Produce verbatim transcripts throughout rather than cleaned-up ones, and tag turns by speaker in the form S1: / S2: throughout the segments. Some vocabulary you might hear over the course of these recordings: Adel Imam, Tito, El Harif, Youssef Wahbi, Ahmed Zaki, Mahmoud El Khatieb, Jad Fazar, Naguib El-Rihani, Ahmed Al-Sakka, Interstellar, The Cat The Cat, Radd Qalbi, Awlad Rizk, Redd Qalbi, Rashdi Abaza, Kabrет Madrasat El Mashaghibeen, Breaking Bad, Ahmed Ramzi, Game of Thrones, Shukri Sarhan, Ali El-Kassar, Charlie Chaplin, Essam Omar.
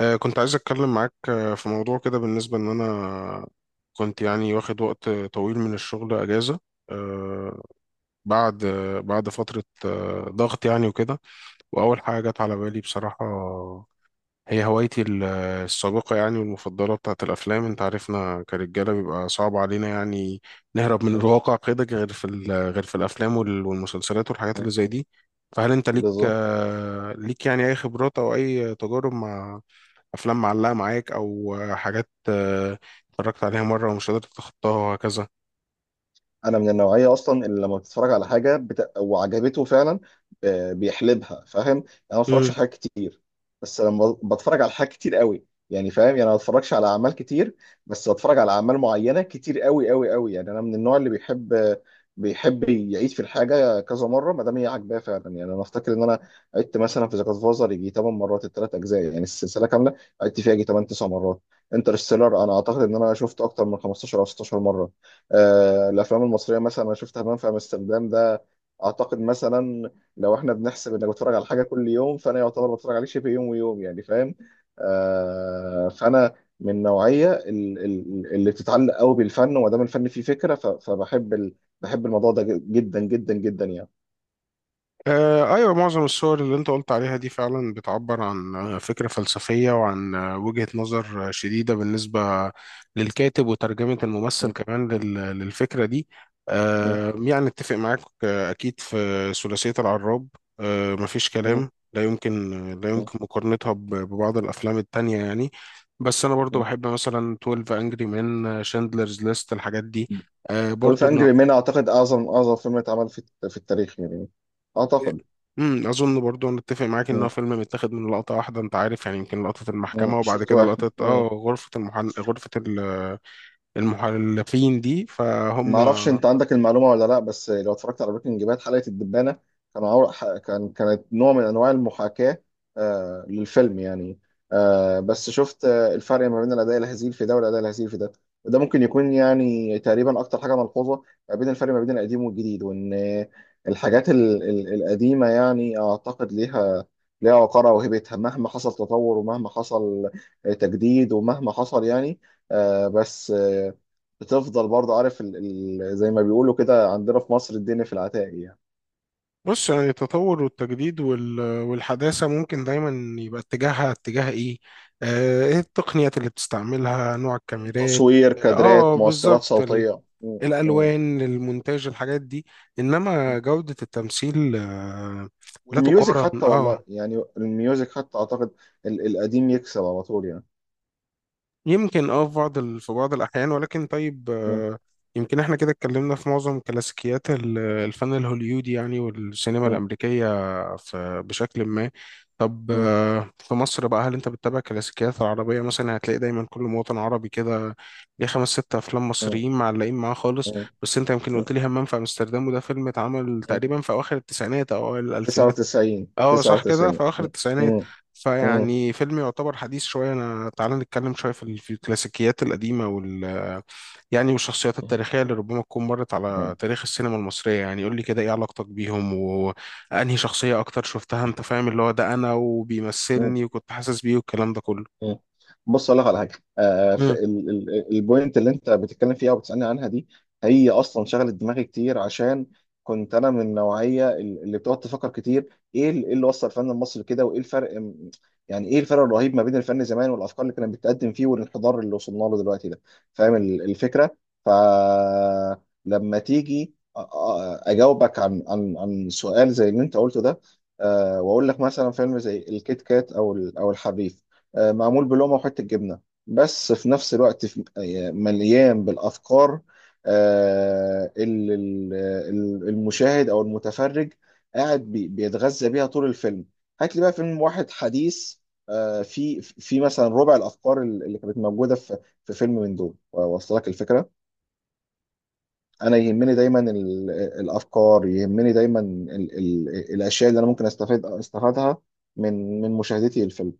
S1: آه، كنت عايز أتكلم معاك آه، في موضوع كده بالنسبة إن أنا كنت يعني واخد وقت طويل من الشغل أجازة. آه، بعد آه، بعد فترة آه، ضغط يعني وكده. وأول حاجة جت على بالي بصراحة هي هوايتي ال- السابقة يعني والمفضلة بتاعت الأفلام. أنت عارفنا كرجالة بيبقى صعب علينا يعني نهرب من الواقع كده، غير في ال- غير في الأفلام وال- والمسلسلات والحاجات اللي زي دي. فهل أنت ليك
S2: بالظبط.
S1: آه، ليك يعني أي خبرات أو أي تجارب مع افلام معلقه معاك او حاجات آه، اتفرجت عليها مره ومش قادر تتخطاها وهكذا؟
S2: انا من النوعيه اصلا اللي لما بتتفرج على حاجه بت... وعجبته فعلا، آه، بيحلبها. فاهم؟ يعني انا ما بتفرجش على حاجات كتير، بس لما ب- بتفرج على حاجات كتير قوي، يعني فاهم، يعني أنا ما بتفرجش على اعمال كتير، بس بتفرج على اعمال معينه كتير قوي قوي قوي. يعني انا من النوع اللي بيحب، آه، بيحب يعيد في الحاجه كذا مره ما دام هي عاجباه فعلا. يعني انا افتكر ان انا عدت مثلا في ذا جاد فازر يجي 8 مرات، الثلاث اجزاء يعني السلسله كامله عدت فيها يجي ثماني تسعة مرات. انترستيلر انا اعتقد ان انا شفته اكتر من خمستاشر او ست عشرة مره. آه، الافلام المصريه مثلا انا شفت همام في امستردام ده، اعتقد مثلا لو احنا بنحسب انك بتتفرج على حاجه كل يوم فانا يعتبر بتفرج عليه شبه يوم ويوم، يعني فاهم. آه، فانا من النوعيه ال- ال- اللي بتتعلق قوي بالفن، وما دام الفن فيه فكره ف- فبحب ال- بحب الموضوع ده جدا جدا جدا يعني.
S1: آه، أيوة، معظم الصور اللي أنت قلت عليها دي فعلا بتعبر عن آه، فكرة فلسفية وعن آه، وجهة نظر آه، شديدة بالنسبة للكاتب وترجمة
S2: م-
S1: الممثل كمان لل- للفكرة دي.
S2: م-
S1: آه، يعني اتفق معاك آه، أكيد. في ثلاثية العراب آه، مفيش
S2: م-
S1: كلام، لا يمكن لا
S2: م-
S1: يمكن مقارنتها ب- ببعض الأفلام التانية يعني. بس أنا برضو
S2: م.
S1: بحب مثلا اثنا عشر أنجري مان، شاندلرز ليست، الحاجات دي آه،
S2: طب الف
S1: برضو.
S2: انجري مان اعتقد اعظم اعظم فيلم اتعمل في في التاريخ يعني اعتقد.
S1: امم اظن برضو انا اتفق معاك ان هو
S2: م-
S1: فيلم متاخد من لقطه واحده، انت عارف يعني، يمكن لقطه
S2: م.
S1: المحكمه وبعد
S2: شوط
S1: كده
S2: واحد.
S1: لقطه اه غرفه المحن... غرفه ال- المحلفين دي،
S2: ما
S1: فهم.
S2: اعرفش انت عندك المعلومه ولا لا، بس لو اتفرجت على بريكنج باد حلقه الدبانه، كانوا عور... ح- كان كانت نوع من انواع المحاكاه آه للفيلم يعني. آه بس شفت آه الفرق ما بين الاداء الهزيل في ده والاداء الهزيل في ده، وده ممكن يكون يعني تقريبا اكتر حاجه ملحوظه ما بين الفرق ما بين القديم والجديد. وان آه، الحاجات ال... ال... القديمه يعني اعتقد ليها ليها وقارها وهيبتها مهما حصل تطور ومهما حصل آه، تجديد ومهما حصل يعني. آه بس بتفضل برضه. عارف ال... ال... زي ما بيقولوا كده عندنا في مصر، الدنيا في العتاق يعني.
S1: بص يعني التطور والتجديد وال... والحداثه ممكن دايما يبقى اتجاهها اتجاه ايه، آه، ايه التقنيات اللي بتستعملها، نوع
S2: مم. تصوير
S1: الكاميرات.
S2: تصوير
S1: اه
S2: كادرات مؤثرات
S1: بالظبط، ال...
S2: صوتية. م- م-
S1: الالوان، المونتاج، الحاجات دي،
S2: م.
S1: انما جوده التمثيل آه، لا
S2: والميوزك
S1: تقارن.
S2: حتى،
S1: اه،
S2: والله يعني الميوزك حتى أعتقد ال... القديم يكسب على طول يعني.
S1: يمكن اه في بعض ال... في بعض الأحيان، ولكن طيب
S2: م-
S1: آه، يمكن احنا كده اتكلمنا في معظم كلاسيكيات ال- الفن الهوليودي يعني والسينما
S2: م-
S1: الأمريكية في... بشكل ما. طب
S2: م-
S1: آه، في مصر بقى، هل انت بتتابع كلاسيكيات العربية؟ مثلا هتلاقي دايما كل مواطن عربي كده ليه خمس ست أفلام
S2: م-
S1: مصريين معلقين معاه خالص.
S2: م-
S1: بس انت يمكن
S2: م-
S1: قلت لي همام في أمستردام، وده فيلم اتعمل
S2: م.
S1: تقريبا في أواخر التسعينات أو أوائل الألفينات.
S2: تسعة وتسعين
S1: اه صح كده،
S2: تسعه وتسعين.
S1: في اخر
S2: م-
S1: التسعينات،
S2: م- م-
S1: فيعني فيلم يعتبر حديث شويه. انا تعالى نتكلم شويه في ال- في الكلاسيكيات القديمه وال يعني والشخصيات التاريخيه اللي ربما تكون مرت على
S2: م-
S1: تاريخ السينما المصريه يعني. قول لي كده ايه علاقتك بيهم وانهي شخصيه اكتر شفتها، انت فاهم، اللي هو ده انا
S2: م-
S1: وبيمثلني وكنت حاسس بيه والكلام ده كله؟
S2: مم. بص اقول لك على حاجه. آه في ال- ال- البوينت اللي انت بتتكلم فيها وبتسالني عنها دي، هي اصلا شغلت دماغي كتير عشان كنت انا من النوعيه اللي بتقعد تفكر كتير. ايه ال- إيه اللي وصل الفن المصري كده، وايه الفرق، م- يعني ايه الفرق الرهيب ما بين الفن زمان والافكار اللي كانت بتقدم فيه والانحدار اللي وصلنا له دلوقتي ده. فاهم ال- الفكره؟ فلما تيجي أ- أ- اجاوبك عن عن عن سؤال زي اللي انت قلته ده، آه واقول لك مثلا فيلم زي الكيت كات او ال- او الحريف، آه، معمول بلومه وحته جبنه، بس في نفس الوقت في- آه، مليان بالافكار، آه، اللي ال- ال- المشاهد او المتفرج قاعد بي- بيتغذى بيها طول الفيلم. هات لي بقى فيلم واحد حديث آه، في في مثلا ربع الافكار اللي كانت موجوده في في فيلم من دول واصل لك الفكره. انا يهمني دايما ال- الافكار، يهمني دايما ال- ال- الاشياء اللي انا ممكن استفيد استفادها من من مشاهدتي للفيلم.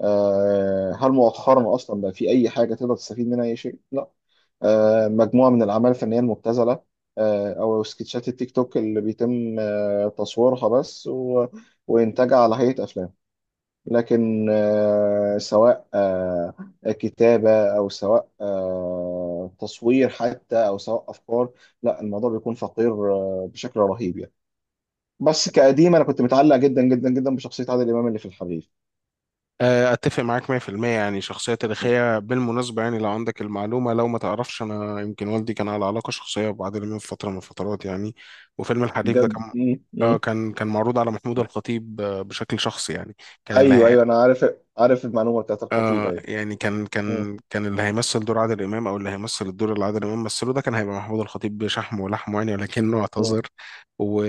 S2: آه، هل مؤخرا اصلا بقى في اي حاجه تقدر تستفيد منها اي شيء؟ لا. آه، مجموعه من الاعمال الفنيه المبتذله، آه، او سكتشات التيك توك اللي بيتم آه، تصويرها بس و... وانتاجها على هيئه افلام. لكن آه، سواء آه، كتابه او سواء آه، تصوير حتى او سواء افكار، لا الموضوع بيكون فقير آه، بشكل رهيب يعني. بس كقديم انا كنت متعلق جدا جدا جدا بشخصيه عادل امام اللي في الحريف.
S1: آه، اتفق معاك مية في المية. يعني شخصيه تاريخيه بالمناسبه، يعني لو عندك المعلومه، لو ما تعرفش، انا يمكن والدي كان على علاقه شخصيه ببعض من فتره من الفترات يعني. وفيلم الحريف ده
S2: بجد.
S1: كان
S2: مم.
S1: آه
S2: مم.
S1: كان كان معروض على محمود الخطيب آه، بشكل شخصي يعني، كان اللي
S2: ايوه
S1: هي...
S2: ايوه، انا عارف، عارف المعلومه بتاعت الخطيب،
S1: آه
S2: ايوه.
S1: يعني كان
S2: مم.
S1: كان كان اللي هيمثل دور عادل امام، او اللي هيمثل الدور اللي عادل امام مثله ده، كان هيبقى محمود الخطيب بشحم ولحمه يعني، ولكنه
S2: مم.
S1: اعتذر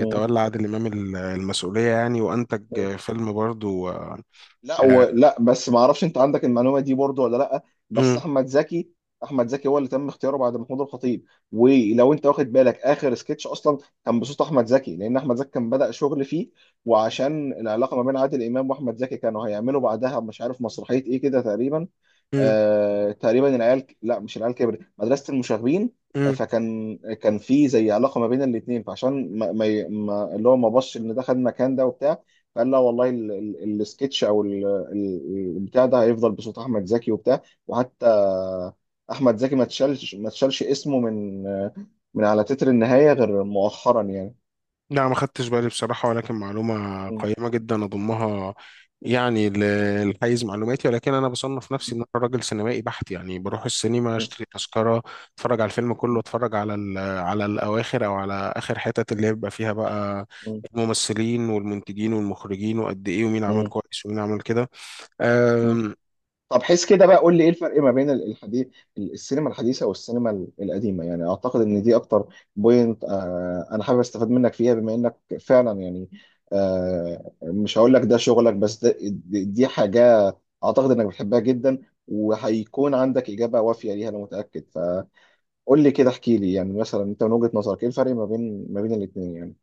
S2: مم.
S1: عادل امام ال- المسؤوليه يعني، وانتج
S2: مم.
S1: آه، فيلم برضو آه،
S2: لا و...
S1: آه.
S2: لا بس ما اعرفش انت عندك المعلومه دي برضو ولا لا. بس
S1: مم.
S2: احمد زكي، احمد زكي هو اللي تم اختياره بعد محمود الخطيب. ولو انت واخد بالك، اخر سكتش اصلا كان بصوت احمد زكي، لان احمد زكي كان بدأ شغل فيه. وعشان العلاقه ما بين عادل امام واحمد زكي، كانوا هيعملوا بعدها مش عارف مسرحيه ايه كده تقريبا، آه، تقريبا العيال، لا مش العيال كبرت، مدرسة المشاغبين. آه،
S1: مم.
S2: فكان كان في زي علاقة ما بين الاتنين، فعشان ما... ما... ي- ما... اللي هو ما بصش ان ده خد المكان ده وبتاع. فقال لا والله ال... ال... السكتش او ال... ال- البتاع ده هيفضل بصوت احمد زكي وبتاع، وحتى احمد زكي ما تشالش ما تشالش اسمه من من على تتر النهاية غير مؤخرا يعني.
S1: لا ما خدتش بالي بصراحة، ولكن معلومة
S2: م-
S1: قيمة جدا أضمها يعني ل- لحيز معلوماتي. ولكن أنا بصنف نفسي إن أنا راجل سينمائي بحت يعني، بروح السينما
S2: م-
S1: أشتري تذكرة، أتفرج على الفيلم كله،
S2: م-
S1: أتفرج على ال- على الأواخر، أو على آخر حتت اللي يبقى فيها بقى
S2: م-
S1: الممثلين والمنتجين والمخرجين وقد إيه ومين عمل
S2: م-
S1: كويس ومين عمل كده.
S2: م-. طب حس كده بقى، قول لي ايه الفرق ما بين ال- الحديث، ال- السينما الحديثه والسينما ال- القديمه. يعني اعتقد ان دي اكتر بوينت آه انا حابب استفاد منك فيها، بما انك فعلا يعني آه مش هقول لك ده شغلك، بس ده دي دي حاجه اعتقد انك بتحبها جدا، وهيكون عندك اجابه وافيه ليها انا متاكد. فقول لي كده، احكي لي يعني مثلا انت من وجهه نظرك، ايه الفرق ما بين ما بين الاثنين يعني؟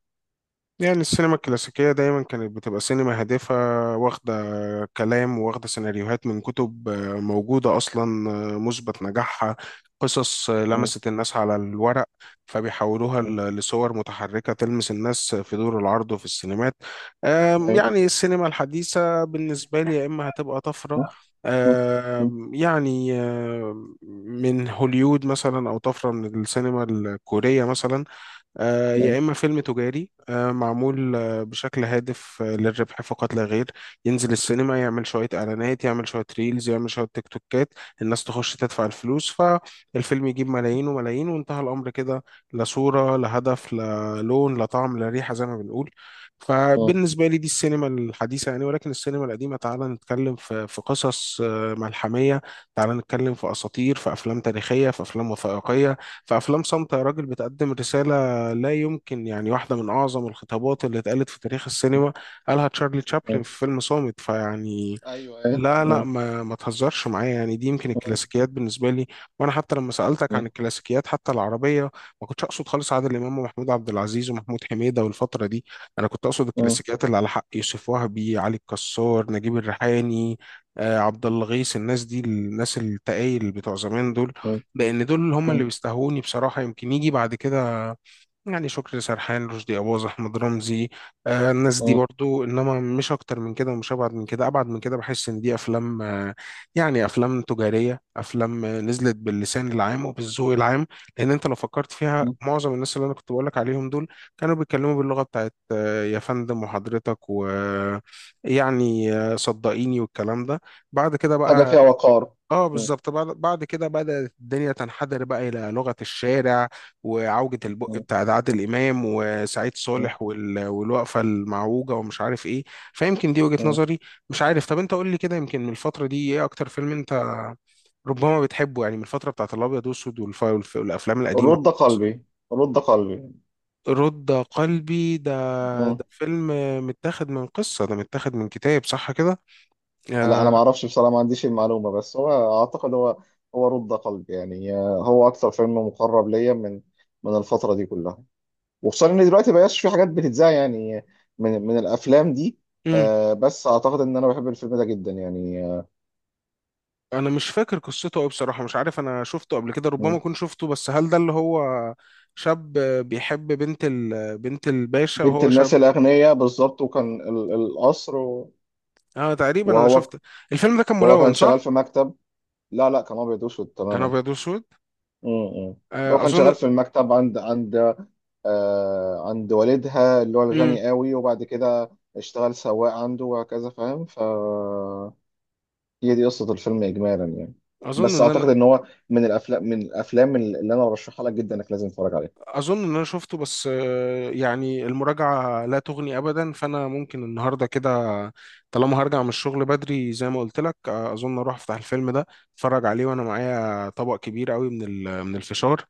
S1: يعني السينما الكلاسيكية دايما كانت بتبقى سينما هادفة، واخدة كلام، واخدة سيناريوهات من كتب آه، موجودة أصلا آه، مثبت نجاحها، قصص آه،
S2: م-
S1: لمست الناس على الورق، فبيحولوها
S2: م-
S1: ل- لصور متحركة تلمس الناس في دور العرض وفي السينمات. آم،
S2: أيوه.
S1: يعني السينما الحديثة بالنسبة لي يا إما هتبقى طفرة
S2: م- م- م-
S1: آم، يعني آم، من هوليود مثلا، أو طفرة من السينما الكورية مثلا، آه، يا
S2: أيوه.
S1: إما فيلم تجاري آه، معمول آه، بشكل هادف آه، للربح فقط لا غير، ينزل السينما، يعمل شوية إعلانات، يعمل شوية ريلز، يعمل شوية تيك توكات، الناس تخش تدفع الفلوس، فالفيلم يجيب ملايين وملايين وانتهى الأمر كده، لا صورة لا هدف لا لون لا طعم لا ريحة زي ما بنقول.
S2: م-
S1: فبالنسبة لي دي السينما الحديثة يعني، ولكن السينما القديمة تعالى نتكلم في في قصص آه، ملحمية، تعالى نتكلم في أساطير، في أفلام تاريخية، في أفلام وثائقية، في أفلام صامتة يا راجل بتقدم رسالة. لا يمكن، يعني واحدة من أعظم الخطابات اللي اتقالت في تاريخ السينما قالها تشارلي تشابلن
S2: م-
S1: في فيلم صامت، فيعني
S2: ايوه أيوه.
S1: لا لا ما ما تهزرش معايا يعني. دي يمكن
S2: م-
S1: الكلاسيكيات بالنسبة لي. وأنا حتى لما سألتك
S2: م-
S1: عن الكلاسيكيات حتى العربية، ما كنتش أقصد خالص عادل إمام ومحمود عبد العزيز ومحمود حميدة والفترة دي. أنا كنت أقصد
S2: اه
S1: الكلاسيكيات اللي على حق يوسف وهبي، علي الكسار، نجيب الريحاني، آه، عبد الغيث، الناس دي، الناس التقايل بتوع زمان دول،
S2: اه
S1: لأن دول هم اللي
S2: اه
S1: بيستهوني بصراحة. يمكن يجي بعد كده يعني شكري سرحان، رشدي أباظة، أحمد رمزي، آه الناس دي
S2: اه.
S1: برضو، إنما مش أكتر من كده ومش أبعد من كده. أبعد من كده بحس إن دي أفلام آه يعني أفلام تجارية، أفلام آه نزلت باللسان العام وبالذوق العام، لأن أنت لو فكرت فيها معظم الناس اللي أنا كنت بقولك عليهم دول كانوا بيتكلموا باللغة بتاعت آه يا فندم وحضرتك، ويعني آه يعني، آه، صدقيني والكلام ده. بعد كده
S2: حاجة
S1: بقى
S2: فيها وقار.
S1: اه
S2: م.
S1: بالظبط، بعد بعد كده بدأت الدنيا تنحدر بقى إلى لغة الشارع وعوجة البق
S2: اه
S1: بتاعت عادل إمام وسعيد
S2: اه
S1: صالح وال... والوقفة المعوجة ومش عارف إيه. فيمكن دي وجهة
S2: اه.
S1: نظري، مش عارف. طب أنت قول لي كده، يمكن من الفترة دي إيه أكتر فيلم أنت ربما بتحبه يعني، من الفترة بتاعت الأبيض وأسود والف... والف... والأفلام القديمة؟
S2: رد قلبي. رد قلبي.
S1: رد قلبي ده
S2: م.
S1: ده فيلم متاخد من قصة، ده متاخد من كتاب، صح كده؟
S2: لا أنا
S1: آه.
S2: ما أعرفش بصراحة، ما عنديش المعلومة، بس هو أعتقد، هو هو رد قلبي يعني. آه، هو أكثر فيلم مقرب ليا من من الفترة دي كلها، وخصوصا إن دلوقتي مبقاش في حاجات بتتذاع يعني من من الأفلام دي. آه، بس أعتقد إن أنا بحب الفيلم ده جدا يعني آه.
S1: انا مش فاكر قصته قوي بصراحه، مش عارف، انا شفته قبل كده، ربما
S2: اه.
S1: اكون شفته، بس هل ده اللي هو شاب بيحب بنت ال... بنت الباشا
S2: بنت
S1: وهو
S2: الناس
S1: شاب؟
S2: الأغنياء بالظبط. وكان ال- القصر و-.
S1: اه تقريبا، انا
S2: وهو
S1: شفت الفيلم ده، كان
S2: وهو كان
S1: ملون،
S2: شغال
S1: صح؟
S2: في مكتب. لا لا، كان ابيض واسود
S1: كان
S2: تماما.
S1: ابيض واسود
S2: امم. هو
S1: آه،
S2: كان
S1: اظن.
S2: شغال في المكتب عند عند آه عند والدها اللي هو
S1: مم.
S2: الغني قوي، وبعد كده اشتغل سواق عنده وهكذا، فاهم؟ ف هي دي قصة الفيلم اجمالا يعني.
S1: اظن
S2: بس
S1: ان
S2: اعتقد
S1: انا
S2: ان هو من الافلام، من الافلام اللي انا برشحها لك جدا انك لازم تتفرج عليها.
S1: اظن ان انا شفته، بس آه، يعني المراجعه لا تغني ابدا، فانا ممكن النهارده كده، طالما هرجع من الشغل بدري زي ما قلت لك، آه، اظن اروح افتح الفيلم ده، اتفرج عليه، وانا معايا طبق كبير قوي من ال... من الفشار،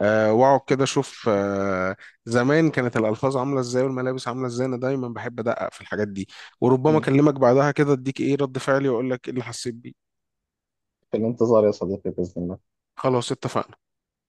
S1: آه، واقعد كده اشوف آه، زمان كانت الالفاظ عامله ازاي والملابس عامله ازاي، انا دايما بحب ادقق في الحاجات دي، وربما
S2: مم.
S1: اكلمك بعدها كده، اديك ايه رد فعلي واقول لك ايه اللي حسيت بيه.
S2: في الانتظار يا صديقي باذن الله.
S1: خلاص، اتفقنا.